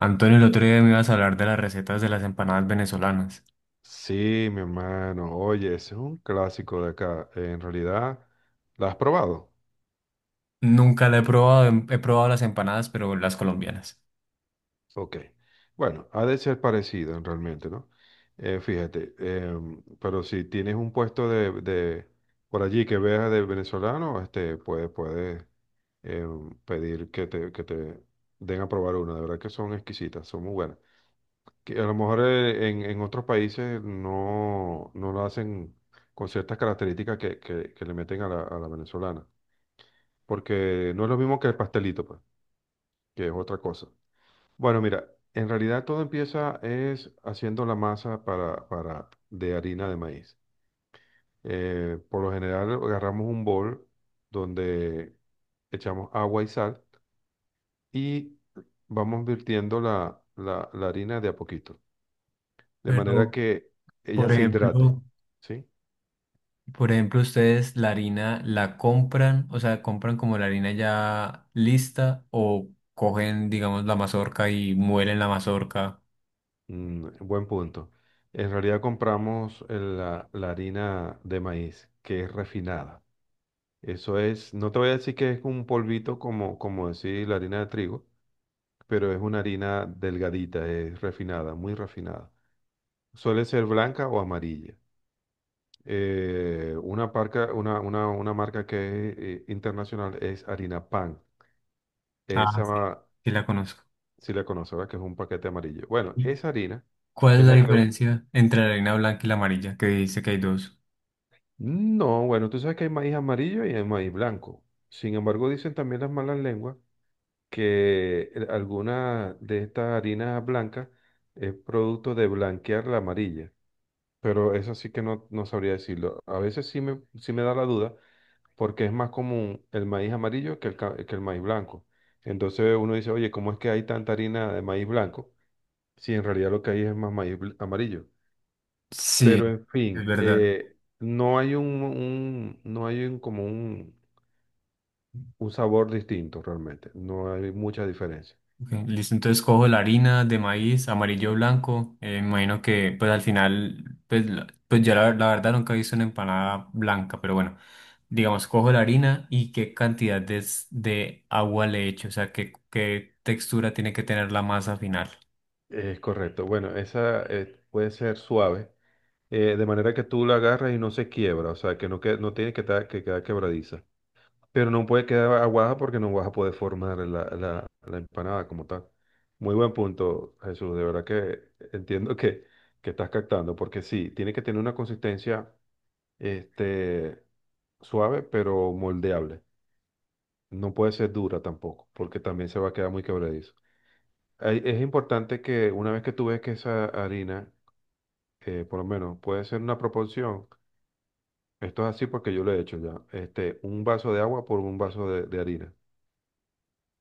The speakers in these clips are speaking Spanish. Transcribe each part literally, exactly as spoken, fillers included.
Antonio, el otro día me ibas a hablar de las recetas de las empanadas venezolanas. Sí, mi hermano. Oye, ese es un clásico de acá. En realidad, ¿la has probado? Nunca la he probado, em- he probado las empanadas, pero las colombianas. Ok. Bueno, ha de ser parecido en realmente, ¿no? Eh, fíjate, em, pero si tienes un puesto de, de por allí que veas de venezolano, este, puedes, puedes em, pedir que te, que te den a probar una. De verdad que son exquisitas, son muy buenas. Que a lo mejor eh, en, en otros países no, no lo hacen con ciertas características que, que, que le meten a la, a la venezolana. Porque no es lo mismo que el pastelito, pues, que es otra cosa. Bueno, mira, en realidad todo empieza es haciendo la masa para, para, de harina de maíz. Eh, por lo general agarramos un bol donde echamos agua y sal y vamos virtiendo la, la, la harina de a poquito, de manera Pero, que ella por se hidrate, ejemplo, ¿sí? por ejemplo, ustedes la harina la compran, o sea, compran como la harina ya lista o cogen, digamos, la mazorca y muelen la mazorca. Mm, buen punto. En realidad compramos eh, la la harina de maíz, que es refinada. Eso es, no te voy a decir que es un polvito como, como decir la harina de trigo, pero es una harina delgadita, es refinada, muy refinada. Suele ser blanca o amarilla. Eh, una, parca- una, una- Una marca que es eh, internacional es harina pan. Ah, sí, Esa, sí la conozco. si la conoces, ¿verdad? Que es un paquete amarillo. Bueno, ¿Y esa harina ¿Cuál es es la la que... diferencia entre la harina blanca y la amarilla? Que dice que hay dos. No, bueno, tú sabes que hay maíz amarillo y hay maíz blanco. Sin embargo, dicen también las malas lenguas que el- alguna de estas harinas blancas es producto de blanquear la amarilla, pero eso sí que no, no sabría decirlo. A veces sí me, sí me da la duda porque es más común el maíz amarillo que el, ca- que el maíz blanco. Entonces uno dice, oye, ¿cómo es que hay tanta harina de maíz blanco si en realidad lo que hay es más maíz bl- amarillo? Sí, Pero en es fin, verdad. eh, no hay un, un- no hay un, como un, un sabor distinto realmente, no hay mucha diferencia. Ok, listo, entonces cojo la harina de maíz amarillo o blanco. Eh, me imagino que pues al final, pues, la- pues yo la, la verdad nunca he visto una empanada blanca, pero bueno, digamos, cojo la harina y qué cantidad de, s- de agua le echo, o sea, qué, qué textura tiene que tener la masa final. Es correcto. Bueno, esa eh, puede ser suave, eh, de manera que tú la agarras y no se quiebra, o sea, que no, que, no tiene que, ta- que quedar quebradiza. Pero no puede quedar aguada porque no vas a poder formar la, la- la empanada como tal. Muy buen punto, Jesús. De verdad que entiendo que, que estás captando, porque sí, tiene que tener una consistencia este, suave, pero moldeable. No puede ser dura tampoco, porque también se va a quedar muy quebradizo. Hay- Es importante que una vez que tú ves que esa harina eh, por lo menos puede ser una proporción, esto es así porque yo lo he hecho ya, este, un vaso de agua por un vaso de, de harina,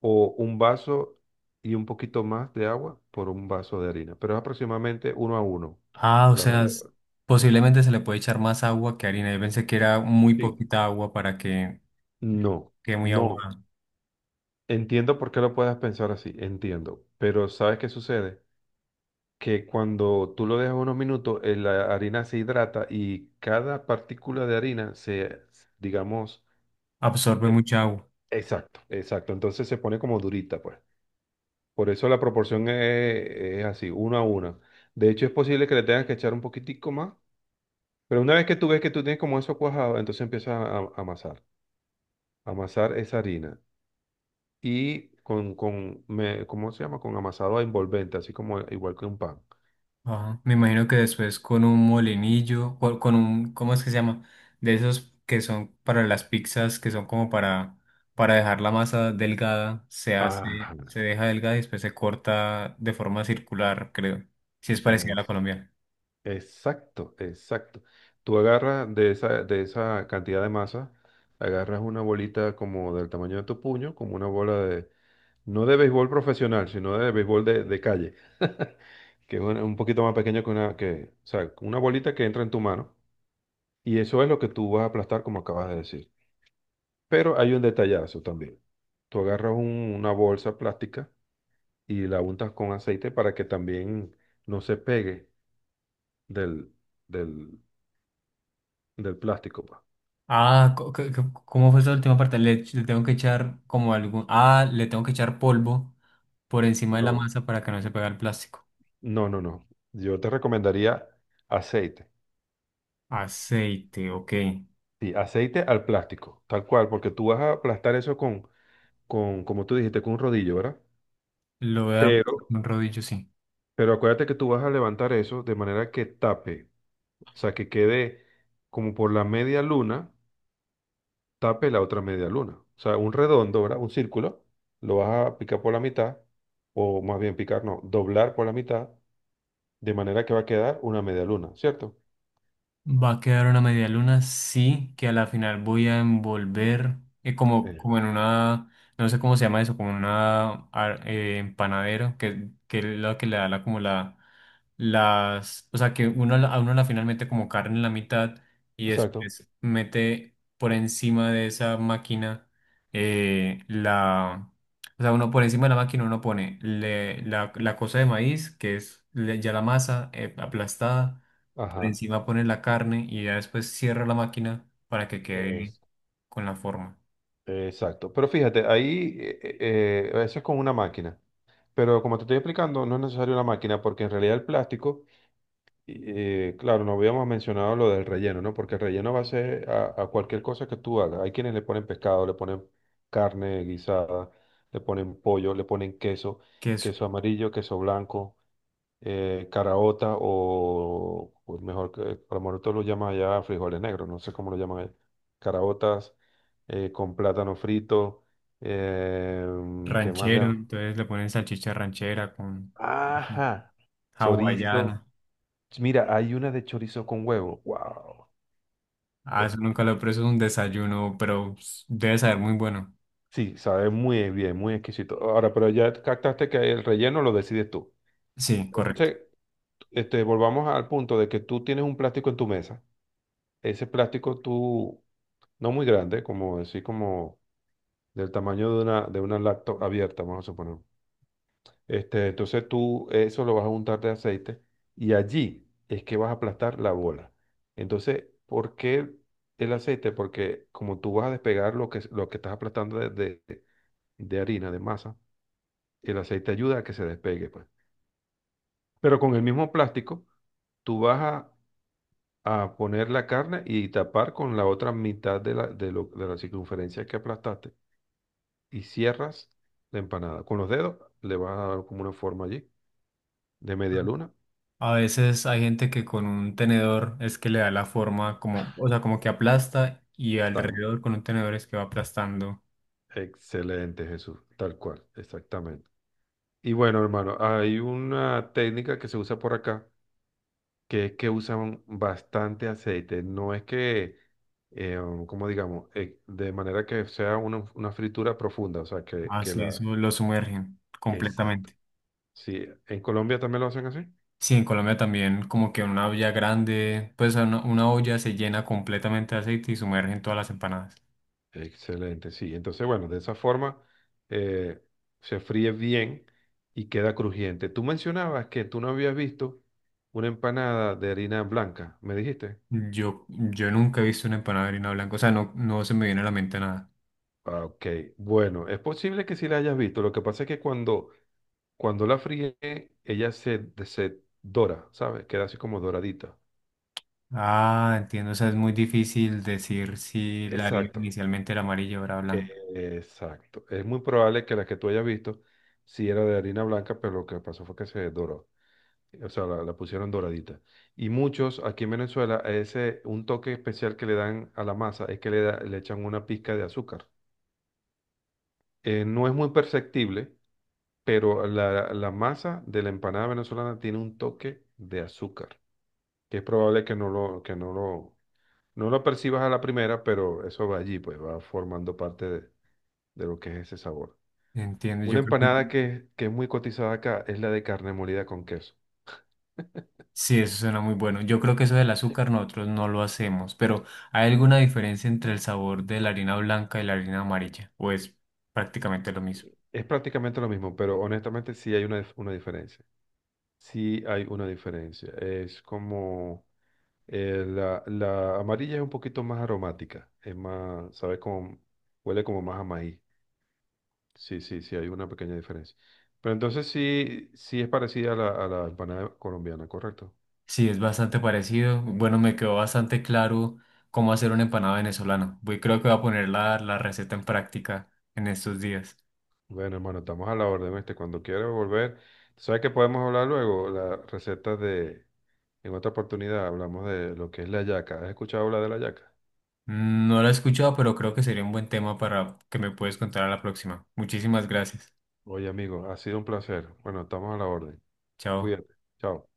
o un vaso y un poquito más de agua por un vaso de harina, pero es aproximadamente uno a uno. Ah, o La sea, regla de- s- oro. posiblemente se le puede echar más agua que harina. Yo pensé que era muy Sí. poquita agua para que No, quede muy agua, no. Entiendo por qué lo puedas pensar así, entiendo, pero ¿sabes qué sucede? Que cuando tú lo dejas unos minutos, eh, la harina se hidrata y cada partícula de harina se, digamos, absorbe se mucha agua. exacto, exacto. Entonces se pone como durita, pues. Por eso la proporción es, es así, uno a uno. De hecho, es posible que le tengas que echar un poquitico más, pero una vez que tú ves que tú tienes como eso cuajado, entonces empiezas a, a amasar. Amasar esa harina. Y con, con me- ¿cómo se llama? Con amasado envolvente, así como igual que un pan. Ajá. Me imagino que después con un molinillo, o con un, ¿cómo es que se llama? De esos que son para las pizzas, que son como para, para dejar la masa delgada, se Ajá, hace, se deja delgada y después se corta de forma circular, creo. Si es parecida a la es, colombiana. exacto, exacto. Tú agarras de esa, de esa cantidad de masa, agarras una bolita como del tamaño de tu puño, como una bola de no de béisbol profesional, sino de béisbol de, de calle, que es un, un poquito más pequeño que una, que, o sea, una bolita que entra en tu mano y eso es lo que tú vas a aplastar, como acabas de decir. Pero hay un detallazo también. Tú agarras un- una bolsa plástica y la untas con aceite para que también no se pegue del, del, del plástico, pues. Ah, co- co- co- ¿Cómo fue esa última parte? Le, ech- le tengo que echar como algún, ah, le tengo que echar polvo por encima de la No. masa para que no se pegue al plástico. No, no, no. Yo te recomendaría aceite. Aceite, ok. Sí, aceite al plástico, tal cual, porque tú vas a aplastar eso con con, como tú dijiste, con un rodillo, ¿verdad? Lo voy a dar Pero, un rodillo, sí. pero acuérdate que tú vas a levantar eso de manera que tape, o sea, que quede como por la media luna, tape la otra media luna. O sea, un redondo, ¿verdad? Un círculo, lo vas a picar por la mitad, o más bien picar, no, doblar por la mitad, de manera que va a quedar una media luna, ¿cierto? Va a quedar una media luna, sí, que a la final voy a envolver eh, como, Eh, como en una, no sé cómo se llama eso, como en una ar- eh, empanadero, que, que es lo que le da la, como la, las, o sea, que uno la- a uno a la final mete como carne en la mitad y exacto. después mete por encima de esa máquina eh, la, o sea, uno por encima de la máquina uno pone le- la, la cosa de maíz, que es le- ya la masa eh, aplastada. Por Ajá. encima pone la carne y ya después cierra la máquina para que quede Es- con la forma. exacto. Pero fíjate, ahí eh, eh, eh, eso es con una máquina. Pero como te estoy explicando, no es necesario una máquina porque en realidad el plástico Eh, claro, no habíamos mencionado lo del relleno, ¿no? Porque el relleno va a ser a, a cualquier cosa que tú hagas. Hay quienes le ponen pescado, le ponen carne guisada, le ponen pollo, le ponen queso, Queso queso amarillo, queso blanco, eh, caraota o, o mejor que, a lo mejor tú lo llamas allá frijoles negros, no sé cómo lo llaman allá. Caraotas eh, con plátano frito, eh, ¿qué más le ranchero, llaman? entonces le ponen salchicha ranchera con Ajá, chorizo. hawaiana. Mira, hay una de chorizo con huevo. ¡Wow! Ah, eso nunca lo he Exquisito. preso, es un desayuno, pero pues, debe saber muy bueno. Sí, sabe muy bien, muy exquisito. Ahora, pero ya captaste que el relleno lo decides tú. Sí, correcto. Entonces, este, volvamos al punto de que tú tienes un plástico en tu mesa. Ese plástico tú, no muy grande, como decir, como del tamaño de una, de una laptop abierta, vamos a suponer. Este, entonces tú eso lo vas a untar de aceite y allí es que vas a aplastar la bola. Entonces, ¿por qué el aceite? Porque como tú vas a despegar lo que, lo que estás aplastando de de- de harina, de masa, y el aceite ayuda a que se despegue, pues. Pero con el mismo plástico, tú vas a, a poner la carne y tapar con la otra mitad de la, de lo- de la circunferencia que aplastaste y cierras la empanada. Con los dedos le vas a dar como una forma allí de media luna. A veces hay gente que con un tenedor es que le da la forma como, o sea, como que aplasta y Tan alrededor con un tenedor es que va aplastando. excelente, Jesús, tal cual, exactamente. Y bueno, hermano, hay una técnica que se usa por acá que es que usan bastante aceite. No es que, eh, um, como digamos, eh, de manera que sea una, una fritura profunda, o sea, que, que Así la... eso lo sumergen Exacto. completamente. Sí, en Colombia también lo hacen así. Sí, en Colombia también como que una olla grande, pues una, una olla se llena completamente de aceite y sumergen todas las empanadas. Excelente, sí. Entonces, bueno, de esa forma eh, se fríe bien y queda crujiente. Tú mencionabas que tú no habías visto una empanada de harina blanca, ¿me dijiste? Yo, yo nunca he visto una empanada de harina blanca, o sea, no, no se me viene a la mente nada. Ah, ok, bueno, es posible que sí la hayas visto. Lo que pasa es que cuando, cuando la fríe, ella se, se dora, ¿sabes? Queda así como doradita. Ah, entiendo, o sea, es muy difícil decir si la harina Exacto, inicialmente era amarilla o era blanca. e- exacto. Es muy probable que la que tú hayas visto sí era de harina blanca, pero lo que pasó fue que se doró. O sea, la, la pusieron doradita. Y muchos aquí en Venezuela, a ese, un toque especial que le dan a la masa es que le, da- le echan una pizca de azúcar. Eh, no es muy perceptible, pero la, la masa de la empanada venezolana tiene un toque de azúcar, que es probable que no lo, que no lo, no lo percibas a la primera, pero eso va allí, pues va formando parte de, de lo que es ese sabor. Entiendo, Una yo creo que empanada que, que es muy cotizada acá es la de carne molida con queso. sí, eso suena muy bueno. Yo creo que eso del azúcar nosotros no lo hacemos, pero ¿hay alguna diferencia entre el sabor de la harina blanca y la harina amarilla? ¿O es prácticamente lo mismo? Es prácticamente lo mismo, pero honestamente sí hay una, dif- una diferencia. Sí hay una diferencia. Es como eh, la, la amarilla es un poquito más aromática, es más, sabe como, huele como más a maíz. Sí, sí, sí, hay una pequeña diferencia. Pero entonces sí, sí es parecida a la, a la empanada colombiana, correcto. Sí, es bastante parecido. Bueno, me quedó bastante claro cómo hacer una empanada venezolana. Voy, creo que voy a poner la, la receta en práctica en estos días. Bueno, hermano, estamos a la orden, este. Cuando quieras volver, tú sabes que podemos hablar luego. Las recetas de, en otra oportunidad hablamos de lo que es la yaca. ¿Has escuchado hablar de la yaca? Mm, no la he escuchado, pero creo que sería un buen tema para que me puedes contar a la próxima. Muchísimas gracias. Oye, amigo, ha sido un placer. Bueno, estamos a la orden. Chao. Cuídate. Chao.